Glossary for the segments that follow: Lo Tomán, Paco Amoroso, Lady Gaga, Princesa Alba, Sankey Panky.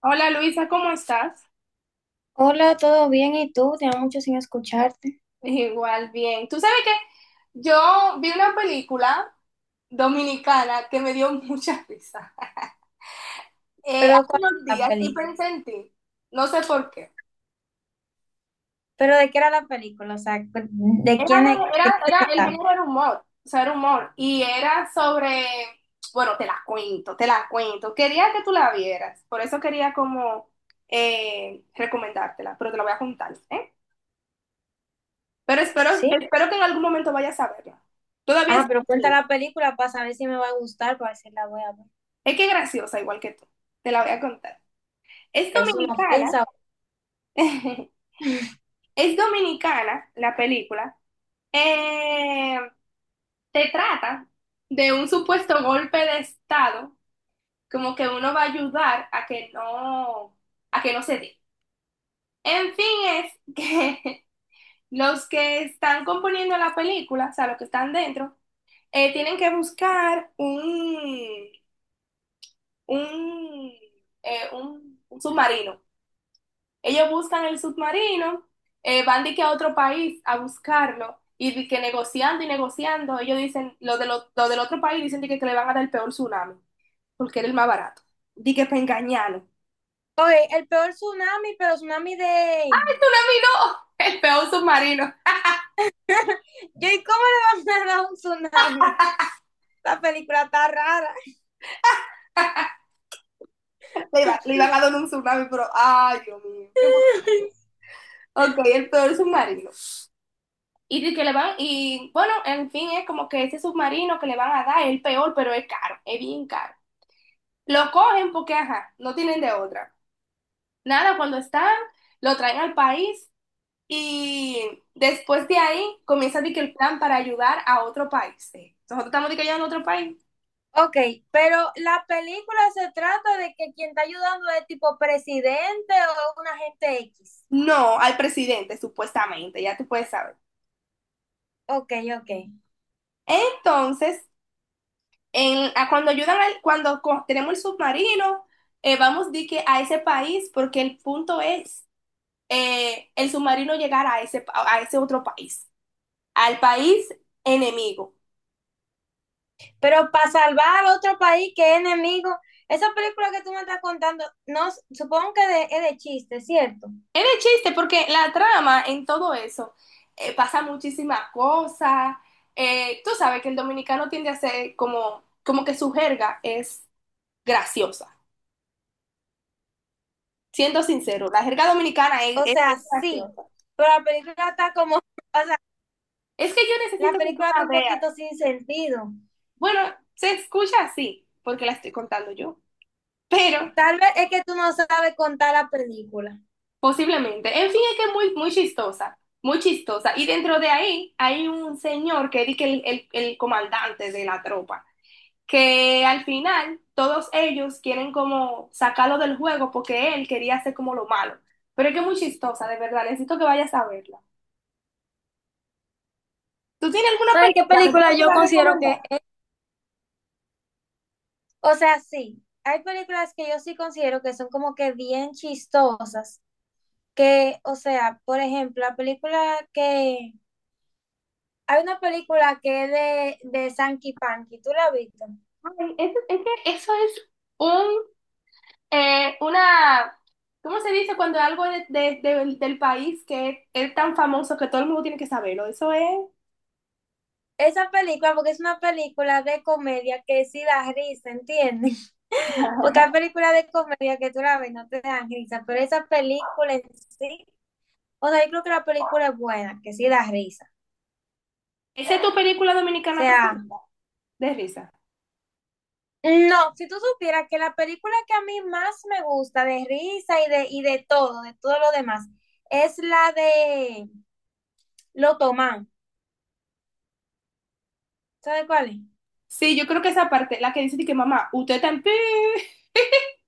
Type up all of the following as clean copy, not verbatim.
Hola Luisa, ¿cómo estás? Hola, ¿todo bien? ¿Y tú? Tenía mucho sin escucharte. Igual, bien. Tú sabes que yo vi una película dominicana que me dio mucha risa Pero hace ¿cuál unos es la días y película? pensé en ti, no sé por qué. ¿Pero de qué era la película? O sea, ¿de Era, quién es, de qué se el trataba? género era humor, o sea, era humor y era sobre, bueno, te la cuento. Quería que tú la vieras, por eso quería como recomendártela, pero te la voy a contar, ¿eh? Pero espero, ¿Sí? espero que en algún momento vayas a verla. Todavía Ah, está pero en cuenta cine. la película para saber si me va a gustar, para ver si la voy a ver. Es que es graciosa, igual que tú. Te la voy a contar. Es Es una dominicana. ofensa. Es dominicana la película. Eh, Te trata de un supuesto golpe de estado, como que uno va a ayudar a que no se dé. En fin, es que los que están componiendo la película, o sea, los que están dentro, tienen que buscar un, un submarino. Ellos buscan el submarino, van de que a otro país a buscarlo y de que negociando y negociando, ellos dicen, los de los del otro país dicen de que le van a dar el peor tsunami, porque era el más barato. Di que para engañarlo. El Oye, el peor tsunami, pero tsunami de... tsunami no, el peor submarino. Yo, ¿y cómo le van a dar un tsunami? La película está rara. Le, le iban a dar un tsunami, pero, ay, Dios mío, qué bonito. Ok, el peor submarino. Y de que le van, y bueno, en fin, es como que ese submarino que le van a dar es el peor, pero es caro, es bien caro. Lo cogen porque, ajá, no tienen de otra. Nada, cuando están, lo traen al país y después de ahí comienza de que el plan para ayudar a otro país. Nosotros estamos de que ayudando a otro país. Ok, pero la película se trata de que quien está ayudando es tipo presidente o una gente X. No, al presidente, supuestamente, ya tú puedes saber. Ok, ok. Entonces, en- a cuando ayudan al, cuando tenemos el submarino, vamos de que a ese país, porque el punto es el submarino llegar a ese, a ese otro país, al país enemigo. Pero para salvar a otro país que es enemigo, esa película que tú me estás contando, no, supongo que es de chiste, ¿cierto? Es de chiste porque la trama en todo eso pasa muchísimas cosas. Tú sabes que el dominicano tiende a ser como, como que su jerga es graciosa. Siendo sincero, la jerga dominicana O es bien sea, sí, graciosa. pero la película está como, o sea, Es que yo la necesito que tú película está la un veas. poquito sin sentido. Bueno, se escucha así porque la estoy contando yo, pero Tal vez es que tú no sabes contar la película. posiblemente. En fin, es que es muy, muy chistosa, muy chistosa. Y dentro de ahí hay un señor que es de que el, el comandante de la tropa, que al final todos ellos quieren como sacarlo del juego porque él quería hacer como lo malo. Pero es que es muy chistosa, de verdad, necesito que vayas a verla. ¿Tú tienes alguna ¿Sabes qué película que tú película me yo quieras considero recomendar? que es? O sea, sí, hay películas que yo sí considero que son como que bien chistosas, que, o sea, por ejemplo, la película que hay una película que es de Sankey Panky, ¿tú la has visto? Ay, es que eso es un, una, ¿cómo se dice cuando algo del país que es tan famoso que todo el mundo tiene que saberlo? Eso es. Esa película, porque es una película de comedia que sí da risa, ¿entiendes? Porque hay películas de comedia que tú la ves, no te dan risa, pero esa película en sí, o sea, yo creo que la película es buena, que sí da risa. ¿Esa es tu película O dominicana sea, preferida? De risa. no, si tú supieras que la película que a mí más me gusta de risa y de todo, de todo lo demás, es la de Lo Tomán. ¿Sabes cuál es? Sí, yo creo que esa parte, la que dice de que mamá, usted también.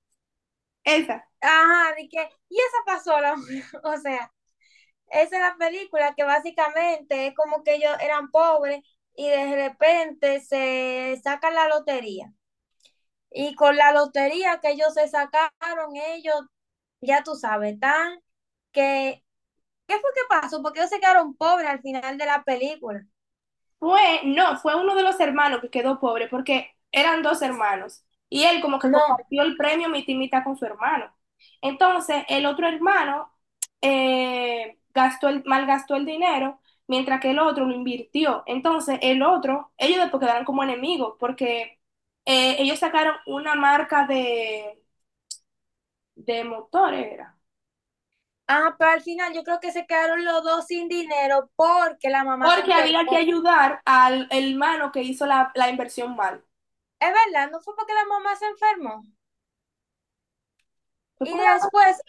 Esa. Ajá, de que, y esa pasó la mujer. O sea, esa es la película que básicamente es como que ellos eran pobres y de repente se sacan la lotería. Y con la lotería que ellos se sacaron, ellos, ya tú sabes, tan que. ¿Qué fue que pasó? Porque ellos se quedaron pobres al final de la película. Fue, no, fue uno de los hermanos que quedó pobre porque eran dos hermanos y él como que No. compartió el premio mitad y mitad con su hermano. Entonces, el otro hermano gastó el, malgastó el dinero mientras que el otro lo invirtió. Entonces, el otro, ellos después quedaron como enemigos porque ellos sacaron una marca de motores, era. Ah, pero al final yo creo que se quedaron los dos sin dinero porque la mamá se Porque había que enfermó. ayudar al hermano que hizo la, la inversión mal. Es verdad, no fue porque la mamá se enfermó. Fue Y porque después,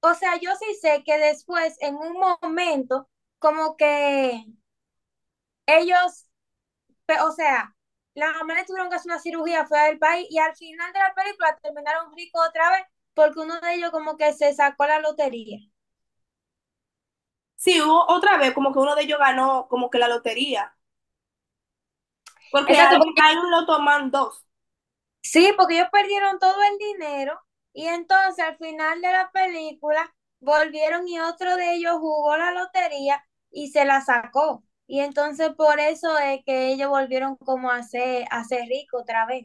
o sea, yo sí sé que después, en un momento, como que ellos, o sea, las mamá le tuvieron que hacer una cirugía fuera del país y al final de la película terminaron ricos otra vez porque uno de ellos como que se sacó la lotería. sí, hubo otra vez como que uno de ellos ganó como que la lotería, porque hay, Exacto, hay un loto man dos. sí, porque ellos perdieron todo el dinero y entonces al final de la película volvieron y otro de ellos jugó la lotería y se la sacó. Y entonces por eso es que ellos volvieron como a ser ricos otra vez.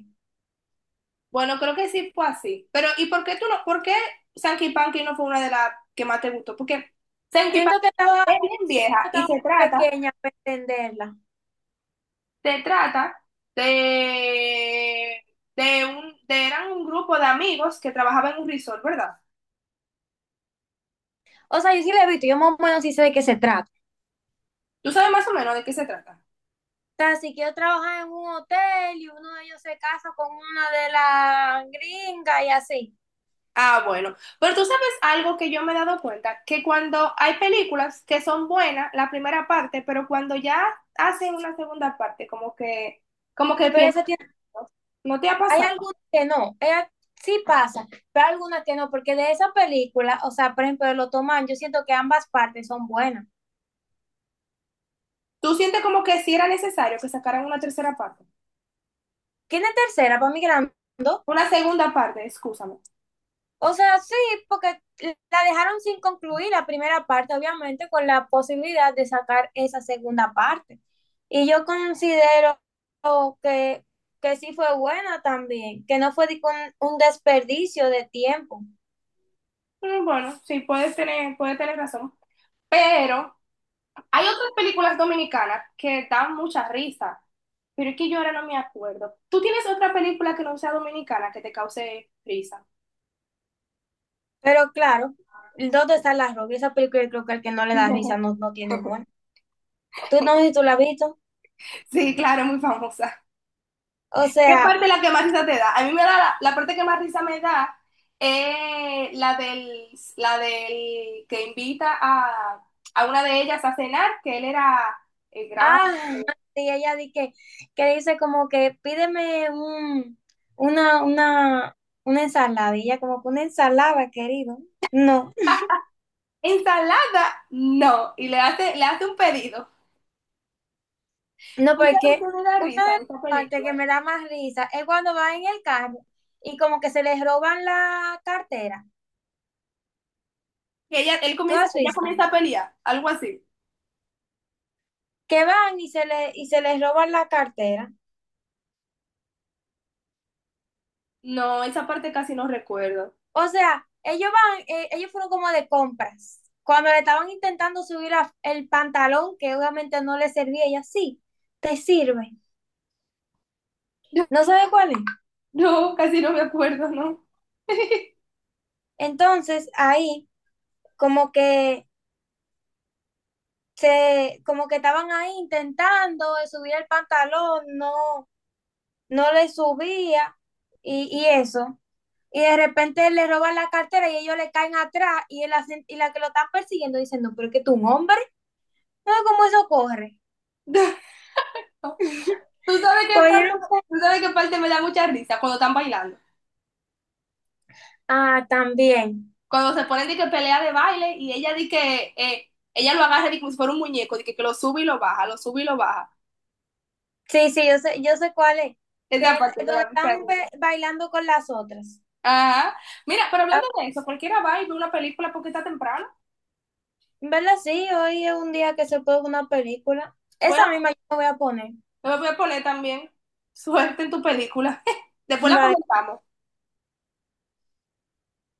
Bueno, creo que sí fue así. Pero ¿y por qué tú no? ¿Por qué Sankey Panky no fue una de las que más te gustó? Porque Sankey Panky Siento que estaba, es bien siento que vieja y estaba muy pequeña para entenderla. se trata de, de un, de eran un grupo de amigos que trabajaban en un resort, ¿verdad? O sea, yo sí la he visto, yo más o menos sí sé de qué se trata. ¿Tú sabes más o menos de qué se trata? O sea, si quiero trabajar en un hotel y uno de ellos se casa con una de las gringas y así. Ah, bueno. Pero tú sabes algo que yo me he dado cuenta, que cuando hay películas que son buenas, la primera parte, pero cuando ya hacen una segunda parte, como que Pero pierden. esa tiene ¿No te ha hay pasado? algunas que no, sí pasa, pero hay algunas que no, porque de esa película, o sea, por ejemplo, de Lo Toman, yo siento que ambas partes son buenas. ¿Tú sientes como que sí era necesario que sacaran una tercera parte? ¿Quién es tercera para mí Grando? Una segunda parte, excúsame. O sea, sí, porque la dejaron sin concluir la primera parte, obviamente, con la posibilidad de sacar esa segunda parte. Y yo considero que, que sí fue buena también, que no fue de que un desperdicio de tiempo. Mm, bueno, sí, puedes tener razón. Pero hay otras películas dominicanas que dan mucha risa, pero es que yo ahora no me acuerdo. ¿Tú tienes otra película que no sea dominicana que te cause risa? Pero claro, ¿dónde está la rubia? Esa película yo creo que el que no le da risa no, no tiene humor. Tú no sé si tú la has visto. Sí, claro, muy famosa. O ¿Qué sea, parte es la que más risa te da? A mí me da la, la parte que más risa me da es la del que invita a una de ellas a cenar, que él era el gran... ah, y ella di que le dice como que pídeme una, una, una ensalada. Y ella como que una ensalada, querido. No, Ensalada, no, y le hace un pedido. no, ¿Tú sabes porque qué me da una risa de de las esta partes película? que me da más risa es cuando va en el carro y como que se les roban la cartera. Que ella, él ¿Tú comienza, has ella visto? comienza a pelear, algo así. Que van y se le, y se les roban la cartera. No, esa parte casi no recuerdo. O sea, ellos van, ellos fueron como de compras. Cuando le estaban intentando subir el pantalón, que obviamente no le servía, ella sí, te sirve. No sabe cuál es. No, casi no me acuerdo, no. Entonces, ahí, como que se, como que estaban ahí intentando de subir el pantalón, no, no le subía, y eso. Y de repente le roban la cartera y ellos le caen atrás, y, y la que lo están persiguiendo diciendo, pero es que tú un hombre, no cómo eso corre. No. Tú sabes qué parte, Cogieron tú sabes qué parte me da mucha risa cuando están bailando. ah, también. Cuando se ponen de que pelea de baile y ella di que ella lo agarra di como si fuera un muñeco, de que lo sube y lo baja, lo sube y lo baja. Sí, sí, yo sé cuál es. Esa Que parte me donde da mucha están risa. bailando con las otras. Ajá. Mira, pero Ah, hablando de eso, cualquiera va y ve una película porque está temprano. en ¿verdad? Sí, hoy es un día que se puede ver una película. Voy a, Esa misma yo me voy a poner. me voy a poner también suerte en tu película. Después la Bye. comentamos.